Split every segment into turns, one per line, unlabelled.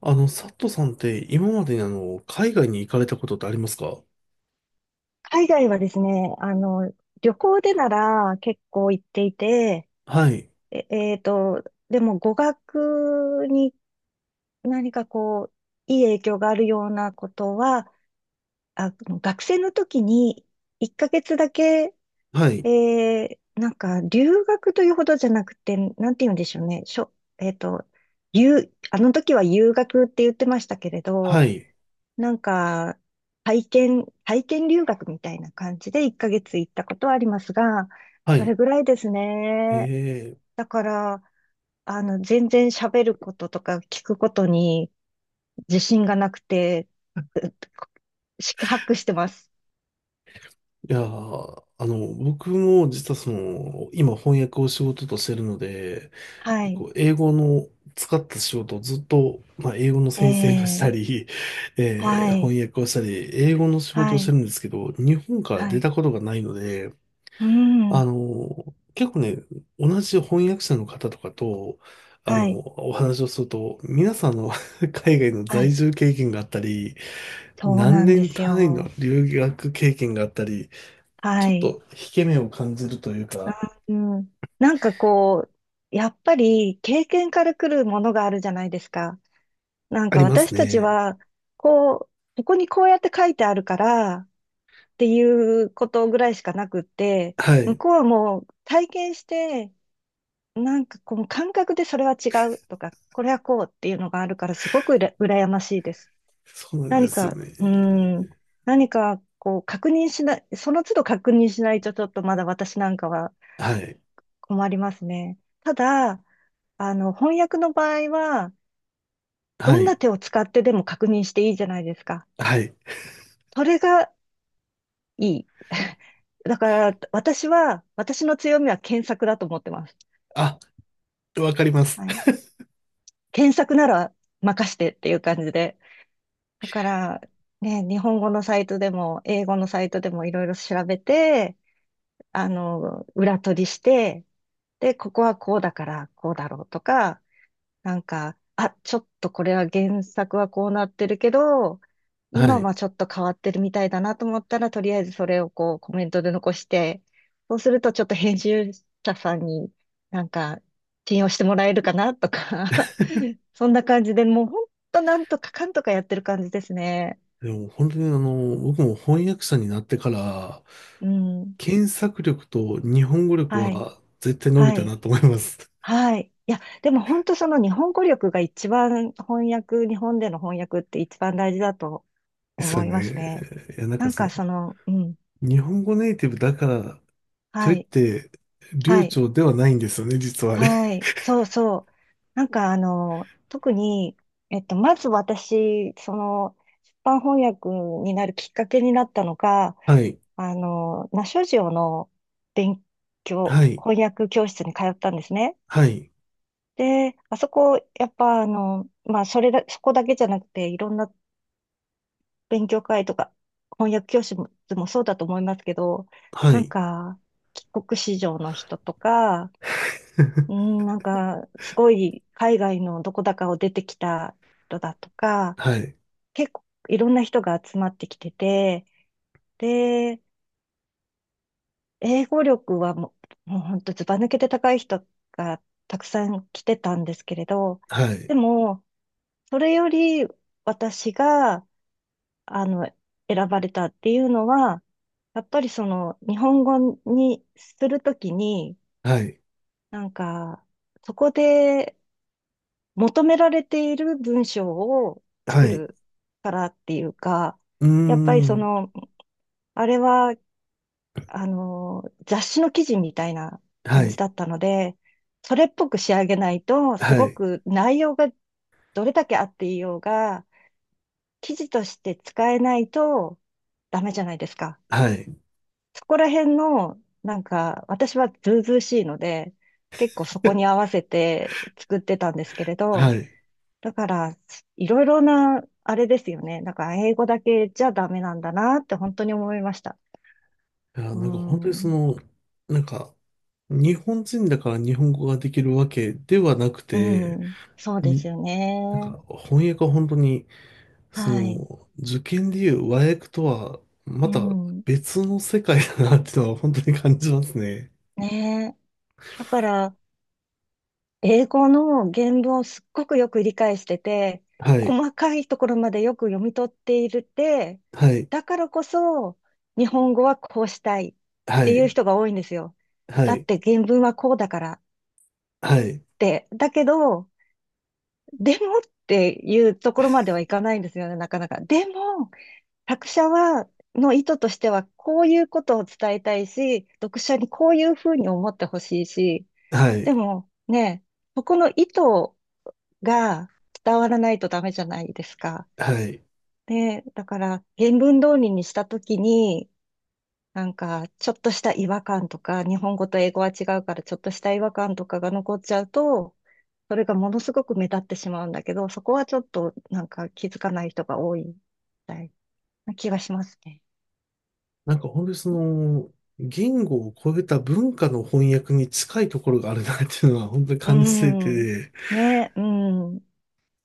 佐トさんって今までに海外に行かれたことってありますか？
海外はですね、旅行でなら結構行っていて、
はい、
え、えーと、でも語学に何かこう、いい影響があるようなことは、学生の時に1ヶ月だけ、
はい、
え留学というほどじゃなくて、なんて言うんでしょうね、しょ、えーと、留、あの時は留学って言ってましたけれど、
はい、
なんか、体験留学みたいな感じで1ヶ月行ったことはありますが、
は
それ
い。
ぐらいです
え
ね。
え、
だから、全然喋ることとか聞くことに自信がなくて、う四苦八苦してます。
いやー、僕も実はその、今翻訳を仕事としてるので、
はい。
こう、英語の使った仕事をずっと、まあ、英語の先生がした
ええ、
り、
はい。
翻訳をしたり、英語の仕事を
は
して
い。
るんですけど、日本から
は
出
い。
たことがないので、
う
あ
ん。
の、結構ね、同じ翻訳者の方とかと、あの、
はい。
お話をすると、皆さんあの 海外の
は
在
い。
住経験があったり、
そう
何
なんで
年
す
単位の
よ。
留学経験があったり、ち
は
ょっ
い。
と引け目を感じるというか、
うん。なんかこう、やっぱり経験から来るものがあるじゃないですか。
あります
私たち
ね。
は、こう、ここにこうやって書いてあるからっていうことぐらいしかなくって、
は
向
い。
こうはもう体験して、なんかこの感覚でそれは違うとか、これはこうっていうのがあるから、すごくうら羨ましいです。
そうなんで
何
すよ
か、
ね。
うーん、何かこう確認しない、その都度確認しないと、ちょっとまだ私なんかは
はい。
困りますね。ただ、翻訳の場合は、ど
は
んな
い。
手を使ってでも確認していいじゃないですか。
はい。
それがいい。だから、私は、私の強みは検索だと思ってます。
あ、わかります。
はい。検索なら任してっていう感じで。だから、ね、日本語のサイトでも、英語のサイトでもいろいろ調べて、裏取りして、で、ここはこうだから、こうだろうとか、あ、ちょっとこれは原作はこうなってるけど、
は
今
い。
はちょっと変わってるみたいだなと思ったら、とりあえずそれをこうコメントで残して、そうするとちょっと編集者さんになんか信用してもらえるかなとか、そんな感じで、もうほんとなんとかかんとかやってる感じですね。
でも本当にあの、僕も翻訳者になってから、
うん。
検索力と日本語力
はい。
は絶対伸び
は
たな
い。
と思います。
はい。いや、でも本当、その日本語力が一番翻訳、日本での翻訳って一番大事だと
ですよ
思いますね。
ね。いや、なん
な
か
ん
そ
か
の、
その、うん、
日本語ネイティブだから、と
は
いっ
い、
て、
は
流
い、
暢ではないんですよね、実はあれ。
は い、そうそう。特に、まず私、その、出版翻訳になるきっかけになったのが、
はい、
ナショジオの勉
はい、
翻訳教室に通ったんですね。
はい、
で、あそこ、やっぱあの、まあ、それだ、そこだけじゃなくて、いろんな勉強会とか、翻訳教室もそうだと思いますけど、
は
なん
い、
か、帰国子女の人とか、すごい海外のどこだかを出てきた人だとか、
はい、
結構いろんな人が集まってきてて、で、英語力はもう、もう本当ずば抜けて高い人がたくさん来てたんですけれど、
はい、
でも、それより私が、あの、選ばれたっていうのは、やっぱりその、日本語にするときに、
はい、
なんか、そこで求められている文章を
は
作
い、
るからっていうか、
うー
やっぱりそ
ん、
の、あれは、雑誌の記事みたいな
は
感じ
い、
だったので、それっぽく仕上げないと、す
は
ご
い、
く内容がどれだけあっていようが、記事として使えないとダメじゃないですか。
はい、
そこら辺の、なんか、私はずうずうしいので、結構そこに合 わせて作ってたんですけれ
は
ど、
い。い
だから、いろいろな、あれですよね。だから、英語だけじゃダメなんだなって本当に思いました。
や、
う
なんか本当にそ
ん。
の、なんか、日本人だから日本語ができるわけではなく
う
て、
ん。そうですよ
なん
ね。
か翻訳は本当に、そ
はい。
の、受験でいう和訳とは、ま
う
た
ん。
別の世界だなっていうのは本当に感じますね。
ねえ。だから、英語の原文をすっごくよく理解してて、
はい。
細かいところまでよく読み取っているって、
はい。
だからこそ、日本語はこうしたいっ
は
ていう
い。
人が多いんですよ。
は
だっ
い。
て原文はこうだからっ
はい。
て。だけど、でもっていうところまではいかないんですよね、なかなか。でも、作者は、の意図としては、こういうことを伝えたいし、読者にこういうふうに思ってほしいし、
は
で
い。
もね、そこの意図が伝わらないとダメじゃないですか。
はい。
で、だから、原文通りにしたときに、なんか、ちょっとした違和感とか、日本語と英語は違うから、ちょっとした違和感とかが残っちゃうと、それがものすごく目立ってしまうんだけど、そこはちょっと、なんか気づかない人が多いみたいな気がしますね。
なんか本当にその、言語を超えた文化の翻訳に近いところがあるなっていうのは本当に
う
感じてい
ん。
て、
ね、うん。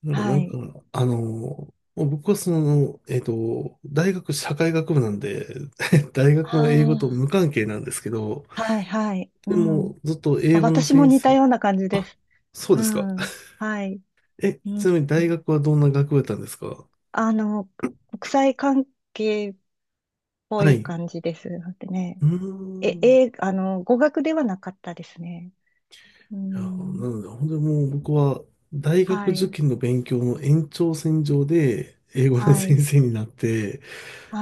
だからな
は
んか、
い。
あの、もう僕はその、大学社会学部なんで、大学も英語と
あ
無関係なんですけど、
あ、はい、はい。う
でも、
ん。
ずっと英
あ、
語の
私も
先
似た
生。
ような感じです。
そうで
う
すか。
ん。はい。
え、
う
ち
ん。
なみに大学はどんな学部だったんですか？
あの、国際関係っぽ
は
い
い。
感じです。だってね。
うーん。
語学ではなかったですね。う
いや、な
ん。
ので、本当にもう僕は大学
は
受
い。
験の勉強の延長線上で英語の
は
先
い。
生になって、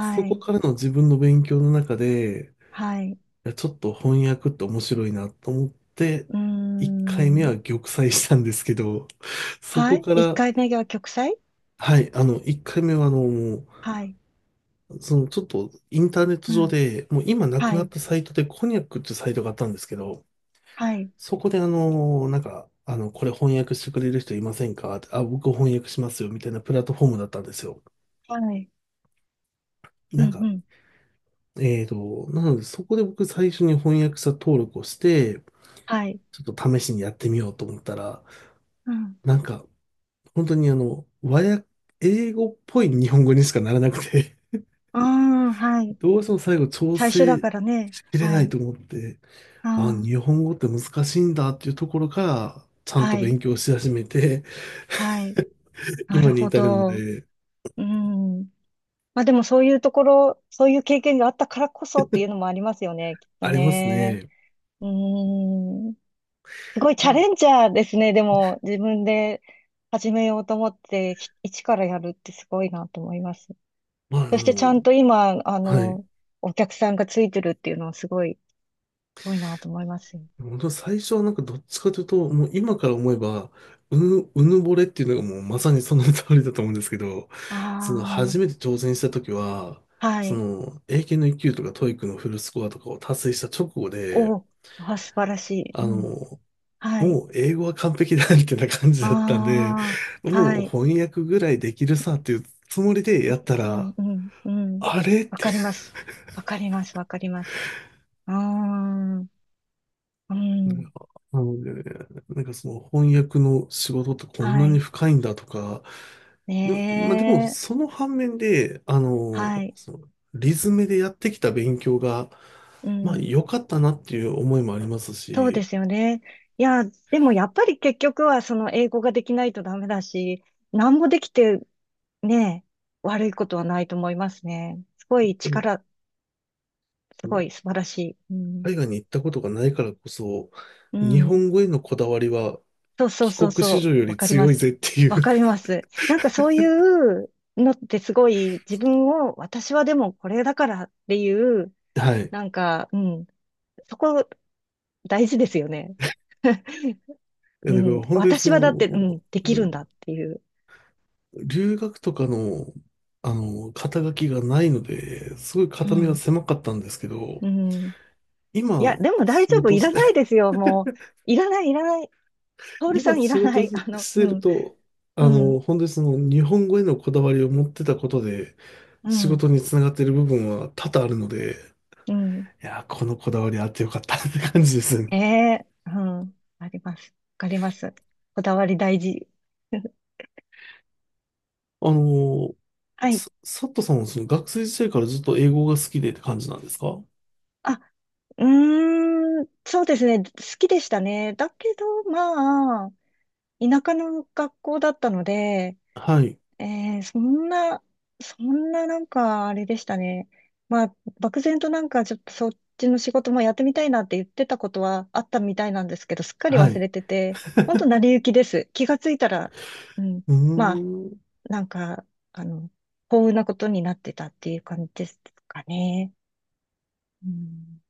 そこ
い。
からの自分の勉強の中で、
はい。
いや、ちょっと翻訳って面白いなと思って、
う
1回目は
ん。
玉砕したんですけど、そ
は
こ
い。
か
一
ら、
回目が極彩、
はい、あの、1回目はあの、もう
はい。
そのちょっとインターネット
う
上
ん。
で、もう今なく
は
なっ
い。
たサイトでコニャックっていうサイトがあったんですけど、
はい。
そこであの、なんか、あの、これ翻訳してくれる人いませんかってあ、僕翻訳しますよ、みたいなプラットフォームだったんですよ。
はい。う
な
ん。
ん
う
か、
ん。
なのでそこで僕最初に翻訳者登録をして、
はい。
ちょっと試しにやってみようと思ったら、
うん。
なんか、本当にあの、和訳、英語っぽい日本語にしかならなくて、
ああ、はい。
どうしても最後調
最初だ
整
からね。
しきれ
は
ない
い。
と思って、あ、
あ
日本語って難しいんだっていうところから、ちゃ
あ、
んと
はい。
勉強し始めて、
はい。な
今
る
に
ほ
至るの
ど。
で、
うん。まあ、でもそういうところ、そういう経験があったからこそっていうのもありますよね。きっと
あります
ね。
ね。
うん。すごい
う
チャ
ん、
レンジャーですね。でも、自分で始めようと思って、一からやるってすごいなと思います。
まあ、あ
そしてちゃん
の、
と今、
はい。
お客さんがついてるっていうのは、すごいなと思いますよ。
本当最初はなんかどっちかというと、もう今から思えば、うぬぼれっていうのがもうまさにその通りだと思うんですけど、その
あ
初めて挑戦した時は、
あ、は
そ
い。
の英検の1級とか TOEIC のフルスコアとかを達成した直後で、
お、あ、素晴らしい。う
あ
ん。
の、
はい。
もう英語は完璧だみたいな感じ
あ
だったんで、
あ、
も
は
う
い。
翻訳ぐらいできるさっていうつもりでやった
う
ら、
ん、うん、うん。
あれっ
わ
て、
かります。わかります、わかります。うーん、う
な
ん。
んか、なのでなんかその翻訳の仕事ってこんな
は
に
い。
深いんだとか、で、まあ、でも
ねえ。
その反面で、あの、
はい。
そのリズムでやってきた勉強が、
う
まあ
ん。
良かったなっていう思いもあります
そうで
し、
すよね。いや、でもやっぱり結局はその英語ができないとダメだし、何もできてね、悪いことはないと思いますね。
うん、
すごい素晴らしい。うん。
海外に行ったことがないからこそ、
う
日
ん。
本語へのこだわりは
そうそう
帰
そう
国
そ
子女
う。
よ
わ
り
かりま
強いぜっ
す。
ていう
わかります。なんかそういうのってすごい自分を、私はでもこれだからっていう、
はい。
なんか、うん。そこ大事ですよね。
いや、
う
だから
ん。
本当にそ
私はだって、うん、
の、
できるんだっていう。
留学とかの、あの、肩書きがないので、すごい
う
肩身は
ん。
狭かったんですけど、
うん。いや、
今、
でも大
仕
丈夫。
事
い
し、
らないで すよ。もう。いらない、いらない。トールさ
今
んい
仕
らな
事
い。
して
う
る
ん、
と、あ
う
の、
ん、
本当にその日本語へのこだわりを持ってたことで、
う
仕
ん、
事につながってる部分は多々あるので、
うん。
いや、このこだわりあってよかったって感じですね。
ええ、うん。あります。わかります。こだわり大事。
あの、
はい。
さサットさんはその学生時代からずっと英語が好きでって感じなんですか？
あ、うーん、そうですね。好きでしたね。だけど、まあ、田舎の学校だったので、
はい。
えー、そんな、そんななんかあれでしたね。まあ、漠然となんかちょっとそっちの仕事もやってみたいなって言ってたことはあったみたいなんですけど、すっかり
は
忘
い。
れてて、ほんと成り行きです。気がついたら、うん、
うー
まあ、
ん。
なんか、あの、幸運なことになってたっていう感じですかね。うん